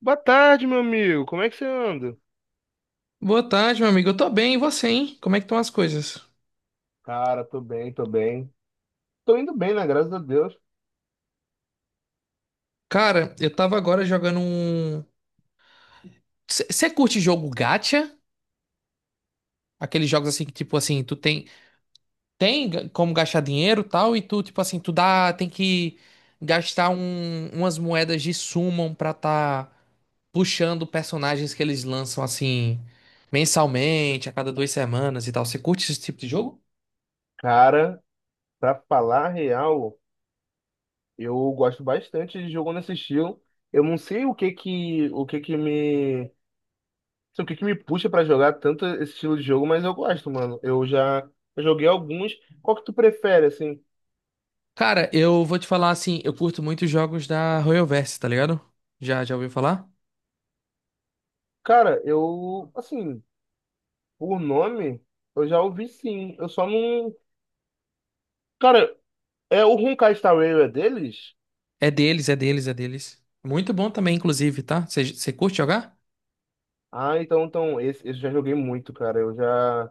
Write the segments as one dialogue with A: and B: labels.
A: Boa tarde, meu amigo. Como é que você anda?
B: Boa tarde, meu amigo. Eu tô bem, e você, hein? Como é que estão as coisas?
A: Cara, tô bem, tô bem. Tô indo bem, né? Graças a Deus.
B: Cara, eu tava agora jogando um. Você curte jogo gacha? Aqueles jogos assim que, tipo assim, tu tem como gastar dinheiro e tal, e tu, tipo assim, tu dá, tem que gastar umas moedas de summon pra tá puxando personagens que eles lançam assim mensalmente, a cada 2 semanas e tal. Você curte esse tipo de jogo?
A: Cara, pra falar a real, eu gosto bastante de jogo nesse estilo. Eu não sei o que que me, não sei o que que me puxa pra jogar tanto esse estilo de jogo, mas eu gosto, mano. Eu joguei alguns. Qual que tu prefere, assim?
B: Cara, eu vou te falar assim, eu curto muito jogos da Royalverse, tá ligado? Já ouviu falar?
A: Cara, eu, assim, por nome, eu já ouvi sim. Eu só não, cara, é o Honkai Star Rail é deles?
B: É deles, é deles, é deles. Muito bom também, inclusive, tá? Você curte jogar?
A: Ah, então, esse eu já joguei muito, cara. Eu já,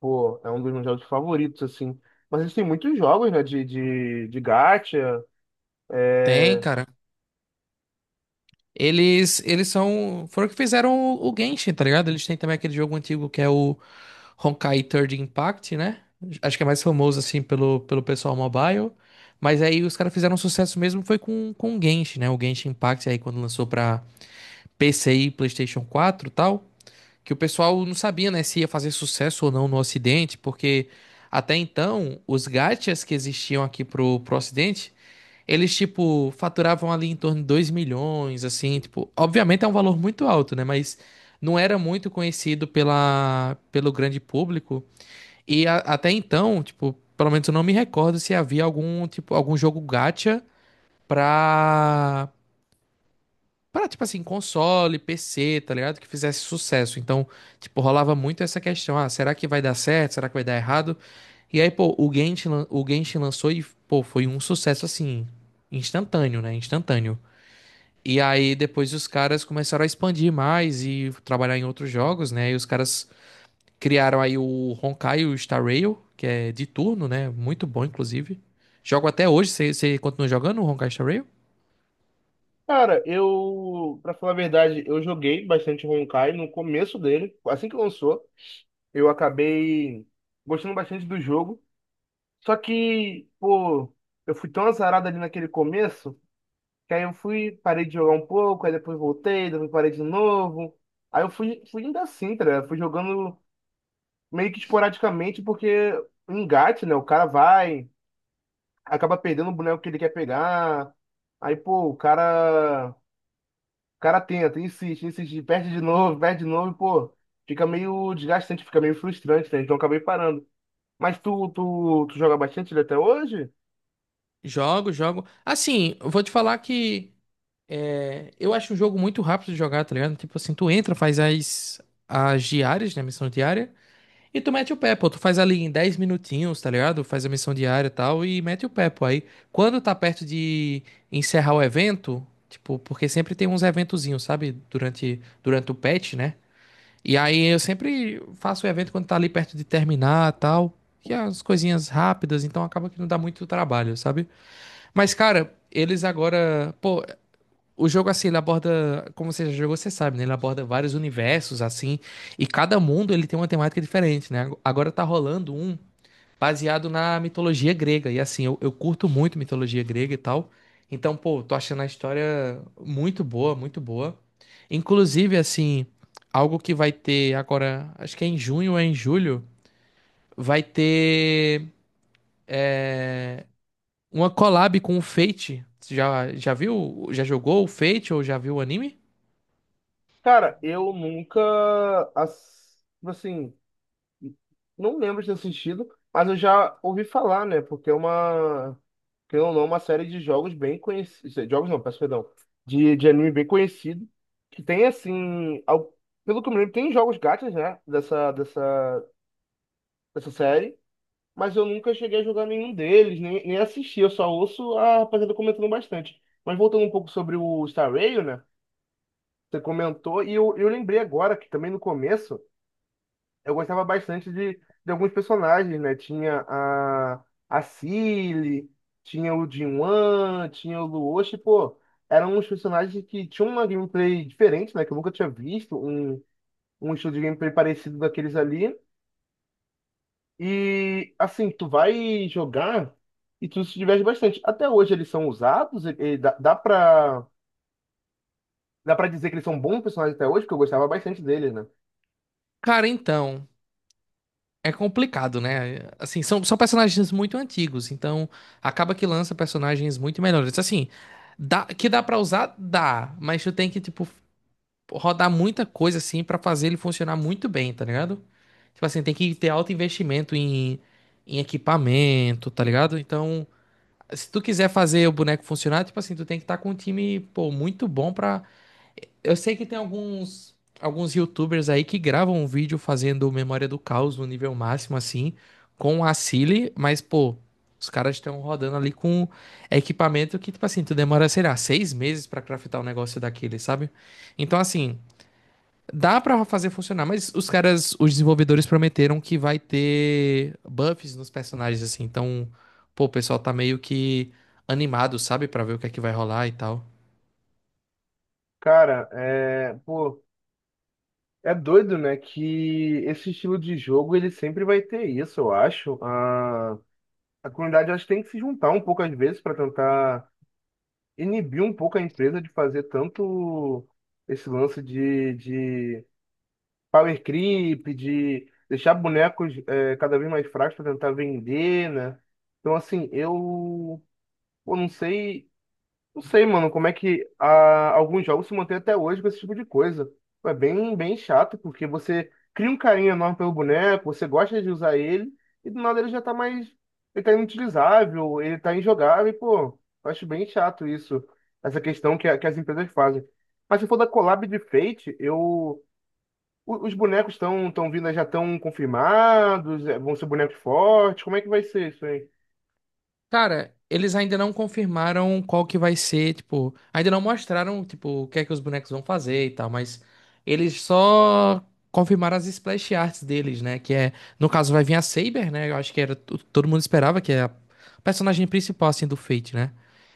A: pô, é um dos meus jogos favoritos, assim. Mas existem muitos jogos, né, de gacha.
B: Tem,
A: É...
B: cara. Eles são. Foram que fizeram o Genshin, tá ligado? Eles têm também aquele jogo antigo que é o Honkai Third Impact, né? Acho que é mais famoso, assim, pelo, pelo pessoal mobile. Mas aí os caras fizeram um sucesso mesmo foi com o Genshin, né? O Genshin Impact aí quando lançou pra PC e PlayStation 4, e tal. Que o pessoal não sabia, né, se ia fazer sucesso ou não no Ocidente, porque até então os gachas que existiam aqui pro, pro Ocidente, eles tipo faturavam ali em torno de 2 milhões, assim, tipo, obviamente é um valor muito alto, né, mas não era muito conhecido pela, pelo grande público e até então, tipo, pelo menos eu não me recordo se havia algum tipo algum jogo gacha para pra, tipo assim, console, PC, tá ligado? Que fizesse sucesso. Então, tipo, rolava muito essa questão. Ah, será que vai dar certo? Será que vai dar errado? E aí, pô, o Genshin, o Genshin lançou e, pô, foi um sucesso, assim, instantâneo, né? Instantâneo. E aí, depois os caras começaram a expandir mais e trabalhar em outros jogos, né? E os caras criaram aí o Honkai, o Star Rail, que é de turno, né? Muito bom, inclusive. Jogo até hoje. Você continua jogando o Honkai Star Rail?
A: Cara, eu, pra falar a verdade, eu joguei bastante Honkai no começo dele. Assim que lançou, eu acabei gostando bastante do jogo. Só que, pô, eu fui tão azarado ali naquele começo, que aí eu parei de jogar um pouco, aí depois voltei, depois parei de novo. Aí eu fui indo assim, tá ligado? Fui jogando, meio que esporadicamente, porque engate, né? O cara vai, acaba perdendo o boneco que ele quer pegar. Aí, pô, o cara tenta, insiste, insiste, perde de novo, e, pô, fica meio desgastante, fica meio frustrante, né? Então eu acabei parando. Mas tu joga bastante ele até hoje?
B: Jogo, jogo. Assim, eu vou te falar que... É, eu acho um jogo muito rápido de jogar, tá ligado? Tipo assim, tu entra, faz as diárias, né? Missão diária. E tu mete o pé, pô. Tu faz ali em 10 minutinhos, tá ligado? Faz a missão diária e tal. E mete o pé, pô. Aí, quando tá perto de encerrar o evento, tipo, porque sempre tem uns eventozinhos, sabe? Durante o patch, né? E aí eu sempre faço o evento quando tá ali perto de terminar e tal. Que é as coisinhas rápidas, então acaba que não dá muito trabalho, sabe? Mas, cara, eles agora. Pô, o jogo, assim, ele aborda, como você já jogou, você sabe, né? Ele aborda vários universos, assim, e cada mundo ele tem uma temática diferente, né? Agora tá rolando um baseado na mitologia grega, e assim, eu curto muito mitologia grega e tal. Então, pô, tô achando a história muito boa, muito boa. Inclusive, assim, algo que vai ter agora, acho que é em junho ou é em julho, vai ter é, uma collab com o Fate. Já viu? Já jogou o Fate ou já viu o anime?
A: Cara, eu nunca, assim, não lembro de ter assistido, mas eu já ouvi falar, né? Porque é uma, querendo ou não, uma série de jogos bem conhecidos. Jogos não, peço perdão. De anime bem conhecido. Que tem, assim. Pelo que eu me lembro, tem jogos gachas, né? Dessa série. Mas eu nunca cheguei a jogar nenhum deles, nem assisti. Eu só ouço a rapaziada comentando bastante. Mas voltando um pouco sobre o Star Rail, né? Você comentou. E eu lembrei agora que também no começo, eu gostava bastante de alguns personagens, né? Tinha a Cilly, tinha o Jinwan, tinha o Luoshi, pô, eram uns personagens que tinham uma gameplay diferente, né? Que eu nunca tinha visto, um estilo de gameplay parecido daqueles ali. E, assim, tu vai jogar e tu se diverte bastante. Até hoje eles são usados, e dá pra dizer que eles são bons personagens até hoje, porque eu gostava bastante deles, né?
B: Cara, então, é complicado, né? Assim, são, são personagens muito antigos, então acaba que lança personagens muito melhores. Assim, dá, que dá pra usar, dá, mas tu tem que, tipo, rodar muita coisa, assim, pra fazer ele funcionar muito bem, tá ligado? Tipo assim, tem que ter alto investimento em equipamento, tá ligado? Então, se tu quiser fazer o boneco funcionar, tipo assim, tu tem que estar com um time, pô, muito bom pra eu sei que tem alguns YouTubers aí que gravam um vídeo fazendo Memória do Caos no nível máximo, assim, com a Silly, mas, pô, os caras estão rodando ali com equipamento que, tipo assim, tu demora, sei lá, 6 meses pra craftar um negócio daquele, sabe? Então, assim, dá pra fazer funcionar, mas os caras, os desenvolvedores prometeram que vai ter buffs nos personagens, assim, então, pô, o pessoal tá meio que animado, sabe, pra ver o que é que vai rolar e tal.
A: Cara, é, pô. É doido, né? Que esse estilo de jogo ele sempre vai ter isso, eu acho. A comunidade eu acho que tem que se juntar um pouco às vezes para tentar inibir um pouco a empresa de fazer tanto esse lance de power creep, de deixar bonecos cada vez mais fracos para tentar vender, né? Então, assim, eu não sei, mano, como é que alguns jogos se mantêm até hoje com esse tipo de coisa. Pô, é bem, bem chato, porque você cria um carinho enorme pelo boneco, você gosta de usar ele, e do nada ele já tá mais. Ele tá inutilizável, ele tá injogável, e, pô, eu acho bem chato isso, essa questão que, que as empresas fazem. Mas se for da collab de Fate, os bonecos estão tão vindo, já estão confirmados? É, vão ser bonecos fortes? Como é que vai ser isso aí?
B: Cara, eles ainda não confirmaram qual que vai ser, tipo, ainda não mostraram, tipo, o que é que os bonecos vão fazer e tal, mas eles só confirmaram as splash arts deles, né? Que é, no caso, vai vir a Saber, né? Eu acho que era, todo mundo esperava que é a personagem principal, assim, do Fate, né?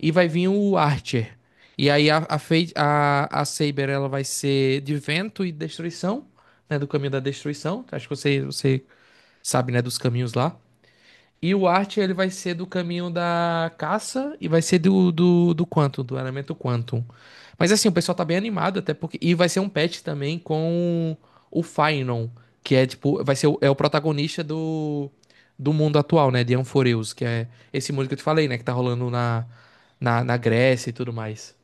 B: E vai vir o Archer. E aí a Fate, a Saber, ela vai ser de vento e destruição, né? Do caminho da destruição. Acho que você, você sabe, né? Dos caminhos lá. E o Art, ele vai ser do caminho da caça e vai ser do, do Quantum, do elemento Quantum. Mas assim, o pessoal tá bem animado, até porque. E vai ser um patch também com o Fainon, que é tipo. Vai ser o, é o protagonista do, do mundo atual, né? De Amphoreus, que é esse mundo que eu te falei, né? Que tá rolando na, na Grécia e tudo mais.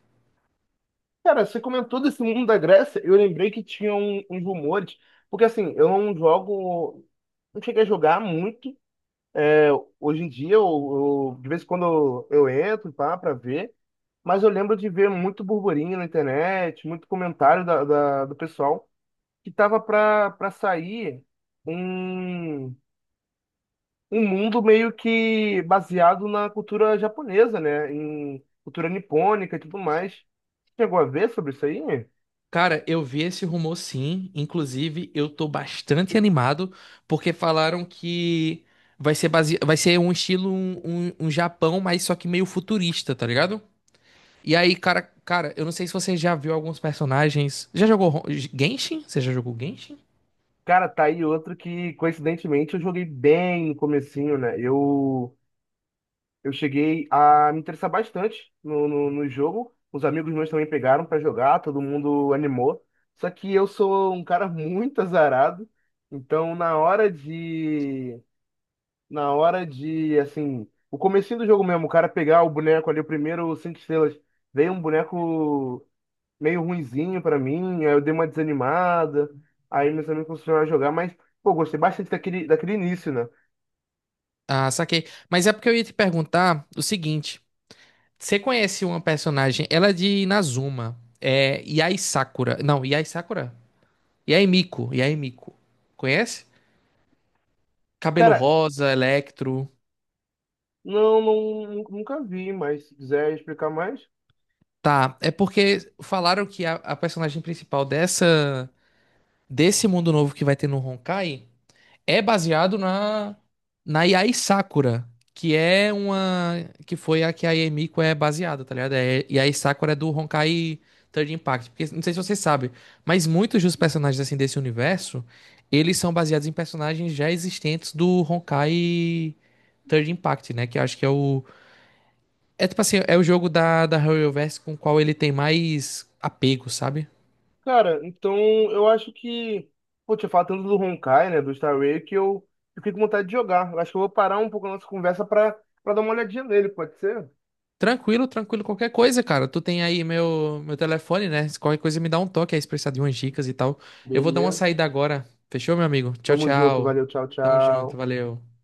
A: Cara, você comentou desse mundo da Grécia, eu lembrei que tinha uns rumores, porque assim, eu não jogo, não cheguei a jogar muito. Hoje em dia, de vez em quando eu entro pra ver, mas eu lembro de ver muito burburinho na internet, muito comentário do pessoal, que tava pra sair um, um mundo meio que baseado na cultura japonesa, né? Em cultura nipônica e tudo mais. Você chegou a ver sobre isso aí?
B: Cara, eu vi esse rumor sim. Inclusive, eu tô bastante animado porque falaram que vai ser base... vai ser um estilo um, um Japão, mas só que meio futurista, tá ligado? E aí, cara, cara, eu não sei se você já viu alguns personagens. Já jogou Genshin? Você já jogou Genshin?
A: Cara, tá aí outro que, coincidentemente, eu joguei bem no comecinho, né? Eu cheguei a me interessar bastante no jogo. Os amigos meus também pegaram pra jogar, todo mundo animou. Só que eu sou um cara muito azarado. Então, na hora de, assim, o comecinho do jogo mesmo, o cara pegar o boneco ali, o primeiro cinco estrelas. Veio um boneco meio ruinzinho pra mim, aí eu dei uma desanimada, aí meus amigos começaram a jogar, mas, pô, gostei bastante daquele início, né?
B: Ah, saquei. Mas é porque eu ia te perguntar o seguinte: você conhece uma personagem? Ela é de Inazuma. É Yai Sakura. Não, Yai Sakura? Yai Miko. Yai Miko. Conhece? Cabelo
A: Cara,
B: rosa, Electro.
A: não, não, nunca vi, mas se quiser explicar mais.
B: Tá, é porque falaram que a personagem principal dessa desse mundo novo que vai ter no Honkai é baseado na na Yai Sakura, que é uma que foi a que a Yemiko é baseada, tá ligado? É, Yai Sakura é do Honkai Third Impact, porque não sei se você sabe, mas muitos dos personagens assim desse universo, eles são baseados em personagens já existentes do Honkai Third Impact, né? Que eu acho que é o é tipo assim, é o jogo da, da Harryverse com o qual ele tem mais apego, sabe?
A: Cara, então eu acho que, pô, tinha falado tanto do Honkai, né, do Star Rail, que eu fiquei com vontade de jogar. Eu acho que eu vou parar um pouco a nossa conversa pra dar uma olhadinha nele, pode ser?
B: Tranquilo, tranquilo, qualquer coisa, cara. Tu tem aí meu telefone, né? Se qualquer coisa me dá um toque aí, se precisar de umas dicas e tal. Eu vou dar uma
A: Beleza.
B: saída agora. Fechou, meu amigo? Tchau,
A: Tamo junto,
B: tchau.
A: valeu, tchau,
B: Tamo junto,
A: tchau.
B: valeu.